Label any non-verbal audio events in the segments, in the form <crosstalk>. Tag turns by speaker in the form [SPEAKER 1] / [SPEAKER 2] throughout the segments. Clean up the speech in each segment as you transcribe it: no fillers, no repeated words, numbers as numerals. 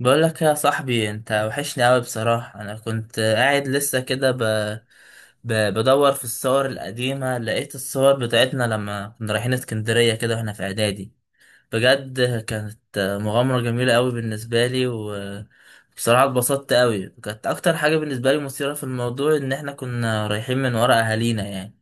[SPEAKER 1] بقول لك يا صاحبي، انت وحشني قوي بصراحة. انا كنت قاعد لسه كده بدور في الصور القديمة، لقيت الصور بتاعتنا لما كنا رايحين اسكندرية كده واحنا في اعدادي. بجد كانت مغامرة جميلة قوي بالنسبة لي، وبصراحة اتبسطت قوي. كانت اكتر حاجة بالنسبة لي مثيرة في الموضوع ان احنا كنا رايحين من ورا اهالينا يعني.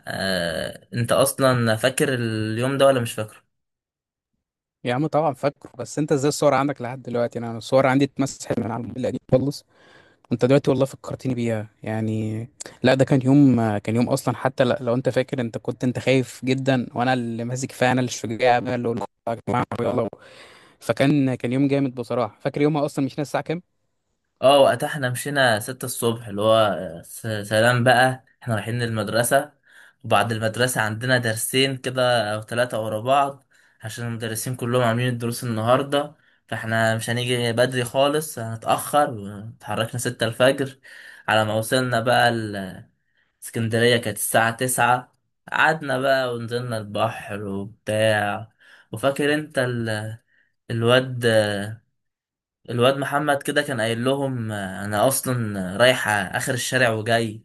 [SPEAKER 1] انت اصلا فاكر اليوم ده ولا مش فاكره؟
[SPEAKER 2] يا عم طبعا فاكره. بس انت ازاي الصور عندك لحد دلوقتي؟ انا الصور عندي اتمسحت من على الموبايل القديم خالص. انت دلوقتي والله فكرتني بيها يعني. لا، ده كان يوم اصلا، حتى لو انت فاكر، انت كنت خايف جدا، وانا اللي ماسك فيها، انا اللي الشجاع، انا اللي قلت يا جماعه يلا. فكان يوم جامد بصراحه. فاكر يومها اصلا، مش ناسي الساعه كام.
[SPEAKER 1] اه، وقتها احنا مشينا 6 الصبح، اللي هو سلام بقى احنا رايحين للمدرسة. وبعد المدرسة عندنا درسين كده أو ثلاثة ورا بعض، عشان المدرسين كلهم عاملين الدروس النهاردة. فاحنا مش هنيجي بدري خالص، هنتأخر. واتحركنا 6 الفجر. على ما وصلنا بقى اسكندرية كانت الساعة 9. قعدنا بقى ونزلنا البحر وبتاع. وفاكر انت الواد الواد محمد كده كان قايل لهم آه، انا اصلا رايح اخر الشارع وجاي.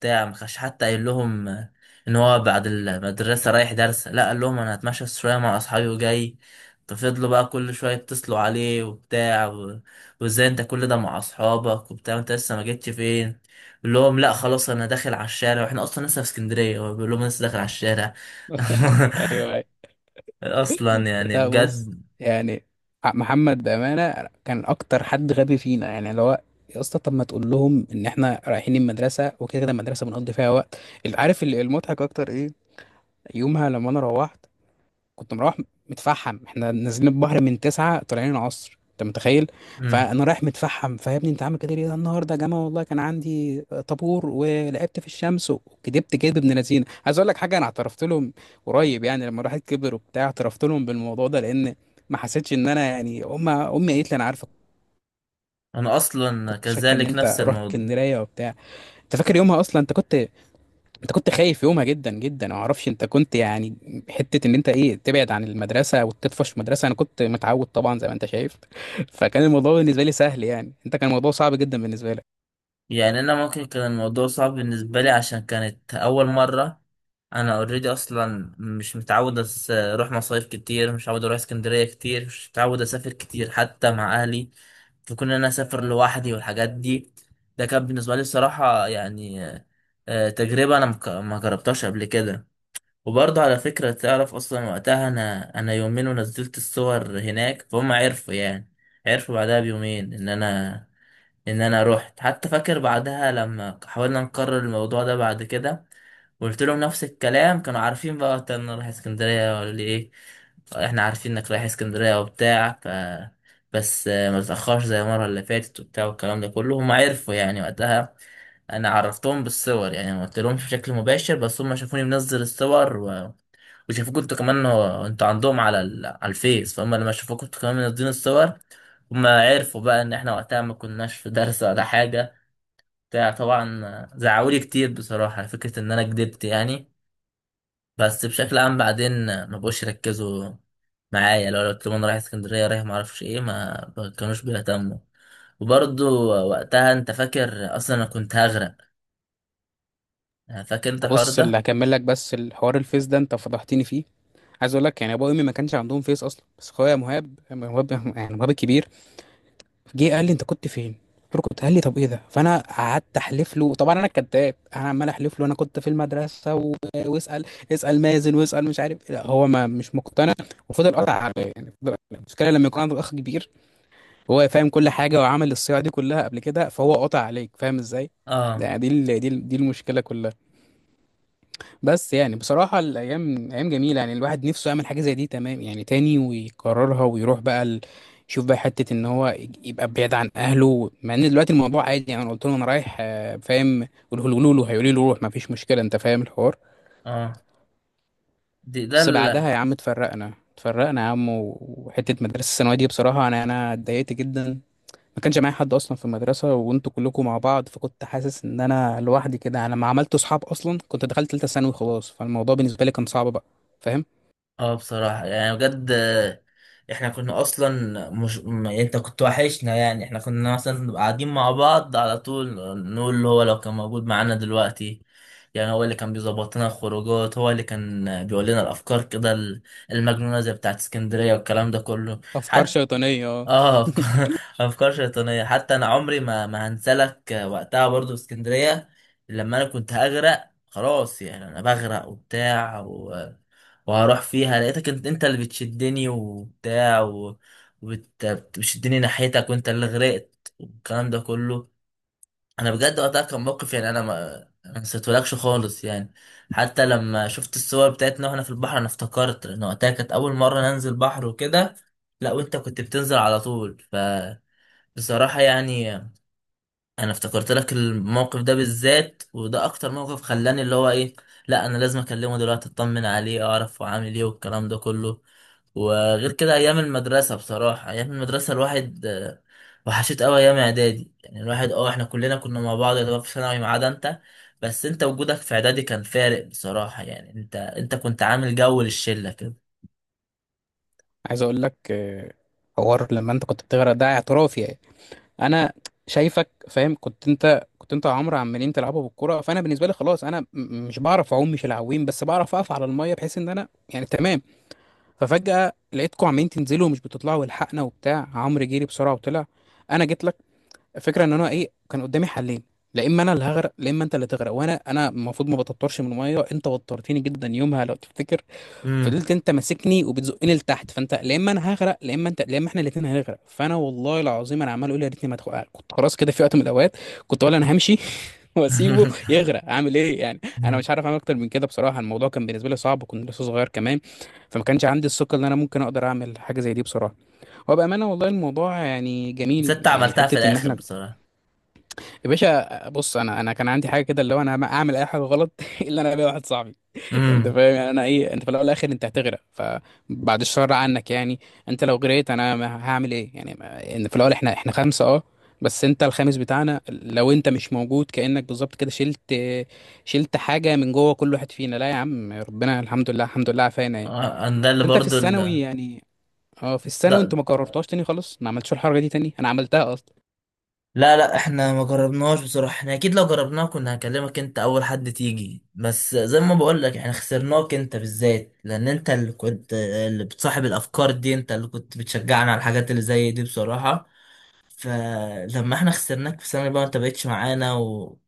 [SPEAKER 1] بتاع، ما كانش حتى قايل لهم آه، ان هو بعد المدرسه رايح درس، لا قال لهم انا هتمشى شويه مع اصحابي وجاي. ففضلوا بقى كل شويه يتصلوا عليه وبتاع، وازاي انت كل ده مع اصحابك وبتاع، انت لسه ما جيتش فين؟ بيقول لهم لا خلاص انا داخل على الشارع، واحنا اصلا لسه في اسكندريه، هو بيقول لهم لسه داخل على الشارع.
[SPEAKER 2] <laughs> ايوه.
[SPEAKER 1] <laughs> اصلا يعني
[SPEAKER 2] لا بص،
[SPEAKER 1] بجد.
[SPEAKER 2] يعني محمد بأمانة كان أكتر حد غبي فينا، يعني لو... يا اسطى، طب ما تقول لهم إن إحنا رايحين المدرسة، وكده كده المدرسة بنقضي فيها وقت. اللي عارف المضحك أكتر إيه؟ يومها لما أنا روحت كنت مروح متفحم، احنا نازلين البحر من تسعة طالعين العصر، انت متخيل؟
[SPEAKER 1] مم.
[SPEAKER 2] فانا رايح متفحم، فيا انت عامل كده ليه النهارده يا جماعه؟ والله كان عندي طابور ولعبت في الشمس، وكدبت كدب ابن لذينه. عايز اقول لك حاجه، انا اعترفت لهم قريب، يعني لما الواحد كبر وبتاع اعترفت لهم بالموضوع ده، لان ما حسيتش ان انا، يعني امي قالت لي انا عارفه،
[SPEAKER 1] انا اصلا
[SPEAKER 2] كنت شاكه ان
[SPEAKER 1] كذلك
[SPEAKER 2] انت
[SPEAKER 1] نفس
[SPEAKER 2] رحت
[SPEAKER 1] الموضوع.
[SPEAKER 2] اسكندريه وبتاع. انت فاكر يومها اصلا؟ انت كنت خايف يومها جدا جدا، ما اعرفش، انت كنت يعني حته ان انت ايه، تبعد عن المدرسه وتطفش مدرسه. انا كنت متعود طبعا زي ما انت شايف. <laughs> فكان الموضوع بالنسبه لي سهل، يعني انت كان الموضوع صعب جدا بالنسبه لك.
[SPEAKER 1] يعني انا ممكن كان الموضوع صعب بالنسبه لي عشان كانت اول مره. انا اوريدي اصلا مش متعود اروح مصايف كتير، مش متعود اروح اسكندريه كتير، مش متعود اسافر كتير حتى مع اهلي. فكون إن انا اسافر لوحدي والحاجات دي، ده كان بالنسبه لي الصراحه يعني تجربه انا ما جربتهاش قبل كده. وبرضه على فكره، تعرف اصلا وقتها، انا يومين ونزلت الصور هناك فهم عرفوا يعني. عرفوا بعدها بيومين ان انا روحت. حتى فاكر بعدها لما حاولنا نكرر الموضوع ده بعد كده، وقلت لهم نفس الكلام كانوا عارفين بقى. قلت انا رايح اسكندريه ولا ايه، احنا عارفين انك رايح اسكندريه وبتاع ف، بس ما تتاخرش زي المره اللي فاتت وبتاع والكلام ده كله. هم عرفوا يعني وقتها. انا عرفتهم بالصور، يعني ما قلت لهمش بشكل مباشر، بس هم شافوني منزل الصور، وشافوك انتوا كمان. هو انتوا عندهم على على الفيس، فهم لما شافوك انتوا كمان منزلين الصور هم عرفوا بقى ان احنا وقتها ما كناش في درس ولا حاجة. بتاع، طبعا زعقولي كتير بصراحة على فكرة ان انا كدبت يعني. بس بشكل عام بعدين ما بقوش يركزوا معايا. لو قلت لهم انا رايح اسكندرية، رايح ما اعرفش ايه، ما كانوش بيهتموا. وبرضو وقتها انت فاكر اصلا انا كنت هغرق؟ فاكر انت الحوار
[SPEAKER 2] بص، اللي
[SPEAKER 1] ده؟
[SPEAKER 2] هكمل لك بس، الحوار الفيس ده انت فضحتني فيه. عايز اقول لك، يعني ابويا وامي ما كانش عندهم فيس اصلا، بس اخويا مهاب، يعني مهاب الكبير، جه قال لي انت كنت فين؟ قلت له كنت، قال لي طب ايه ده؟ فانا قعدت احلف له طبعا، انا الكذاب، انا عمال احلف له انا كنت في المدرسه و... واسال اسال مازن واسال، مش عارف، لا هو ما مش مقتنع، وفضل قطع عليا، يعني المشكله لما يكون عندك اخ كبير، هو فاهم كل حاجه وعمل الصياعه دي كلها قبل كده، فهو قطع عليك فاهم ازاي.
[SPEAKER 1] اه.
[SPEAKER 2] يعني دي المشكله كلها. بس يعني بصراحة الأيام أيام جميلة، يعني الواحد نفسه يعمل حاجة زي دي تمام، يعني تاني ويكررها، ويروح بقى يشوف بقى حتة إن هو يبقى بعيد عن أهله، مع إن دلوقتي الموضوع عادي، يعني أنا قلت له أنا رايح فاهم؟ قولوا له، هيقولي له روح مفيش مشكلة أنت فاهم الحوار.
[SPEAKER 1] اه، دي ده.
[SPEAKER 2] بس بعدها يا عم اتفرقنا، اتفرقنا يا عم، وحتة مدرسة الثانوية دي، بصراحة أنا اتضايقت جدا. ما كانش معايا حد أصلا في المدرسة وأنتوا كلكم مع بعض، فكنت حاسس إن أنا لوحدي كده، أنا ما عملت صحاب أصلا، كنت دخلت تالتة ثانوي خلاص، فالموضوع بالنسبة لي كان صعب بقى، فاهم.
[SPEAKER 1] اه، بصراحة يعني بجد احنا كنا اصلا مش يعني انت كنت وحشنا. يعني احنا كنا مثلا نبقى قاعدين مع بعض على طول نقول اللي هو لو كان موجود معانا دلوقتي. يعني هو اللي كان بيظبط لنا الخروجات، هو اللي كان بيقول لنا الافكار كده المجنونة زي بتاعت اسكندرية والكلام ده كله.
[SPEAKER 2] افكار
[SPEAKER 1] حتى
[SPEAKER 2] شيطانيه اه.
[SPEAKER 1] اه
[SPEAKER 2] <laughs>
[SPEAKER 1] افكار <laughs> أفكار شيطانية. حتى انا عمري ما هنسلك وقتها برضو في اسكندرية لما انا كنت هغرق خلاص. يعني انا بغرق وبتاع، وهروح فيها، لقيتك انت، انت اللي بتشدني وبتاع بتشدني ناحيتك، وانت اللي غرقت والكلام ده كله. انا بجد وقتها كان موقف، يعني انا ما نسيتهولكش خالص يعني. حتى لما شفت الصور بتاعتنا واحنا في البحر انا افتكرت، لان وقتها كانت اول مره ننزل بحر وكده. لا وانت كنت بتنزل على طول. فبصراحه يعني انا افتكرت لك الموقف ده بالذات، وده اكتر موقف خلاني اللي هو ايه، لا انا لازم اكلمه دلوقتي، اطمن عليه، اعرف هو عامل ايه والكلام ده كله. وغير كده ايام المدرسه بصراحه، ايام المدرسه الواحد وحشيت قوي ايام اعدادي. يعني الواحد اه، احنا كلنا كنا مع بعض يعتبر في ثانوي ما عدا انت. بس انت وجودك في اعدادي كان فارق بصراحه. يعني انت كنت عامل جو للشله كده.
[SPEAKER 2] عايز اقول لك حوار لما انت كنت بتغرق ده، اعترافي يعني. انا شايفك فاهم، كنت انت وعمرو عمالين تلعبوا بالكوره، فانا بالنسبه لي خلاص، انا مش بعرف اعوم، مش العويم، بس بعرف اقف على الميه بحيث ان انا يعني تمام. ففجاه لقيتكم عمالين تنزلوا ومش بتطلعوا، والحقنا وبتاع، عمرو جري بسرعه وطلع، انا جيت لك. الفكره ان انا ايه، كان قدامي حلين، لا اما انا اللي هغرق، لا اما انت اللي تغرق، وانا المفروض ما بتطرش من الميه، انت وترتني جدا يومها لو تفتكر.
[SPEAKER 1] امم.
[SPEAKER 2] فضلت انت ماسكني وبتزقني لتحت، فانت لا اما انا هغرق، لا اما انت، لا اما احنا الاثنين هنغرق، فانا والله العظيم انا عمال اقول يا ريتني ما ادخل، كنت خلاص كده في وقت من الاوقات كنت اقول انا همشي. <laughs> واسيبه
[SPEAKER 1] <laughs>
[SPEAKER 2] يغرق، اعمل ايه يعني، انا مش عارف اعمل اكتر من كده بصراحه، الموضوع كان بالنسبه لي صعب، وكنت لسه صغير كمان، فما كانش عندي الثقه ان انا ممكن اقدر اعمل حاجه زي دي بصراحه. وبامانه والله الموضوع يعني جميل،
[SPEAKER 1] ست
[SPEAKER 2] يعني
[SPEAKER 1] عملتها في
[SPEAKER 2] حته ان
[SPEAKER 1] الاخر
[SPEAKER 2] احنا...
[SPEAKER 1] بصراحه.
[SPEAKER 2] يا باشا بص، انا كان عندي حاجه كده، اللي هو انا ما اعمل اي حاجه غلط <laughs> الا انا، بقى واحد صاحبي انت
[SPEAKER 1] امم.
[SPEAKER 2] فاهم، يعني انا ايه، انت في الاول والاخر انت هتغرق، فبعد الشر عنك يعني، انت لو غرقت انا ما هعمل ايه يعني، ان في الاول احنا خمسه اه، بس انت الخامس بتاعنا، لو انت مش موجود كانك بالظبط كده شلت حاجه من جوه كل واحد فينا. لا يا عم، ربنا الحمد لله، الحمد لله عافانا يعني.
[SPEAKER 1] ده اللي
[SPEAKER 2] انت في
[SPEAKER 1] برضو
[SPEAKER 2] الثانوي يعني اه، في الثانوي
[SPEAKER 1] ده.
[SPEAKER 2] انتوا ما كررتهاش تاني خلاص، ما عملتش الحركه دي تاني، انا عملتها اصلا.
[SPEAKER 1] لا لا، احنا ما جربناهاش بصراحة. احنا اكيد لو جربناها كنا هكلمك انت اول حد تيجي. بس زي ما بقول لك، احنا خسرناك انت بالذات لان انت اللي كنت اللي بتصاحب الافكار دي، انت اللي كنت بتشجعنا على الحاجات اللي زي دي بصراحة. فلما احنا خسرناك في سنة بقى، انت بقيتش معانا، و...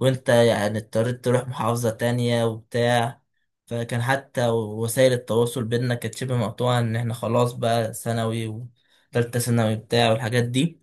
[SPEAKER 1] وانت يعني اضطريت تروح محافظة تانية وبتاع. فكان حتى وسائل التواصل بينا كانت شبه مقطوعة، ان احنا خلاص بقى ثانوي وتالتة ثانوي بتاع والحاجات دي.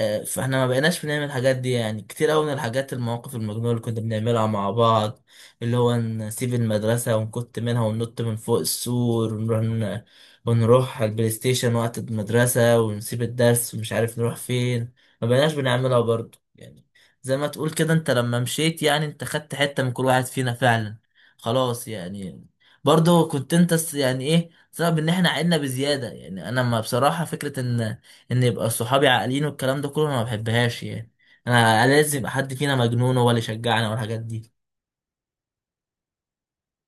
[SPEAKER 1] فاحنا ما بقيناش بنعمل الحاجات دي يعني، كتير قوي من الحاجات المواقف المجنونة اللي كنا بنعملها مع بعض. اللي هو نسيب المدرسة ونكت منها وننط من فوق السور، ونروح ونروح على البلاي ستيشن وقت المدرسة ونسيب الدرس ومش عارف نروح فين. ما بقيناش بنعملها برضه يعني. زي ما تقول كده، انت لما مشيت يعني انت خدت حتة من كل واحد فينا فعلا، خلاص يعني. برضه كنت انت يعني ايه سبب ان احنا عدنا بزيادة. يعني انا ما بصراحة فكرة ان يبقى صحابي عاقلين والكلام ده كله انا ما بحبهاش يعني. انا لازم يبقى حد فينا مجنون هو اللي يشجعنا والحاجات دي.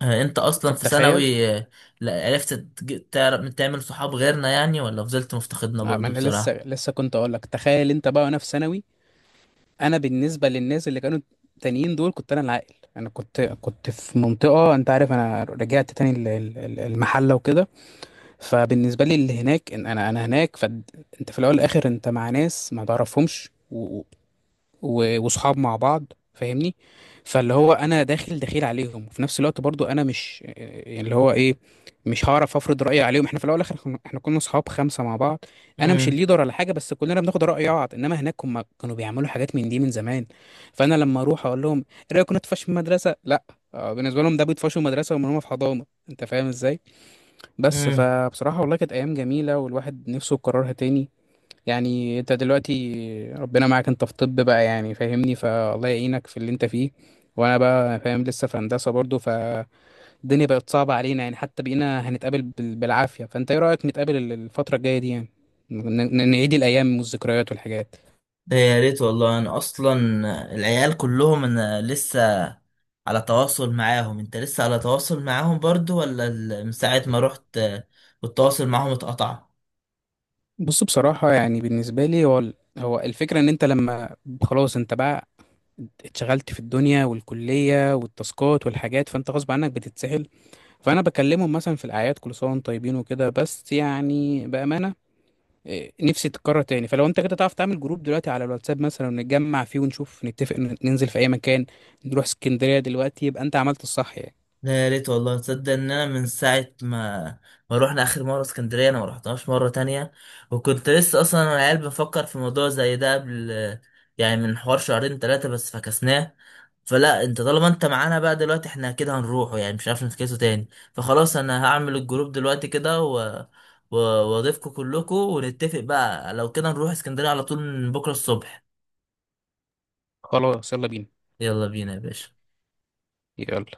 [SPEAKER 1] انت اصلا
[SPEAKER 2] طب
[SPEAKER 1] في
[SPEAKER 2] تخيل
[SPEAKER 1] ثانوي عرفت تعرف تعمل صحاب غيرنا يعني، ولا فضلت مفتقدنا
[SPEAKER 2] ما
[SPEAKER 1] برضو
[SPEAKER 2] انا
[SPEAKER 1] بصراحة؟
[SPEAKER 2] لسه كنت اقول لك تخيل، انت بقى وانا في ثانوي. انا بالنسبه للناس اللي كانوا تانيين دول، كنت انا العاقل، انا كنت في منطقه، انت عارف انا رجعت تاني المحله وكده. فبالنسبه لي اللي هناك، إن انا هناك، فانت في الاول والاخر انت مع ناس ما تعرفهمش، وصحاب مع بعض، فاهمني. فاللي هو انا داخل دخيل عليهم، وفي نفس الوقت برضو انا مش يعني اللي هو ايه، مش هعرف افرض رايي عليهم، احنا في الاول والاخر احنا كنا صحاب خمسه مع بعض. انا مش
[SPEAKER 1] امم.
[SPEAKER 2] الليدر ولا حاجه، بس كلنا بناخد راي بعض، انما هناك هم كانوا بيعملوا حاجات من دي من زمان. فانا لما اروح اقول لهم ايه رايكم ندفش في المدرسه، لا بالنسبه لهم ده بيطفشوا المدرسه، وهم في حضانه، انت فاهم ازاي. بس
[SPEAKER 1] امم.
[SPEAKER 2] فبصراحه والله كانت ايام جميله، والواحد نفسه يكررها تاني. يعني انت دلوقتي ربنا معاك انت في طب بقى، يعني فاهمني، فالله يعينك في اللي انت فيه، وانا بقى فاهم لسه في هندسة برضه. فالدنيا بقت صعبة علينا، يعني حتى بقينا هنتقابل بالعافية، فانت ايه رأيك نتقابل الفترة الجاية دي يعني، نعيد الايام والذكريات والحاجات؟
[SPEAKER 1] ده يا ريت والله. انا اصلا العيال كلهم انا لسه على تواصل معاهم. انت لسه على تواصل معاهم برضو، ولا من ساعة ما رحت والتواصل معاهم اتقطع؟
[SPEAKER 2] بص بصراحة، يعني بالنسبة لي هو هو الفكرة ان انت لما خلاص انت بقى اتشغلت في الدنيا والكلية والتاسكات والحاجات، فانت غصب عنك بتتسحل. فانا بكلمهم مثلا في الاعياد كل سنه وانتم طيبين وكده، بس يعني بامانه نفسي تتكرر تاني. فلو انت كده تعرف تعمل جروب دلوقتي على الواتساب مثلا، ونتجمع فيه ونشوف، نتفق ننزل في اي مكان، نروح اسكندريه دلوقتي يبقى انت عملت الصح يعني.
[SPEAKER 1] لا يا ريت والله. تصدق ان انا من ساعه ما روحنا اخر مره اسكندريه انا ما رحتهاش مره تانية. وكنت لسه اصلا انا العيال بفكر في موضوع زي ده قبل، يعني من حوار شهرين ثلاثه، بس فكسناه. فلا، انت طالما انت معانا بقى دلوقتي احنا كده هنروحه يعني، مش عارف نفكسه تاني. فخلاص، انا هعمل الجروب دلوقتي كده واضيفكم كلكم ونتفق بقى لو كده نروح اسكندريه على طول من بكره الصبح.
[SPEAKER 2] خلاص يلا بينا.
[SPEAKER 1] يلا بينا يا باشا.
[SPEAKER 2] يلا.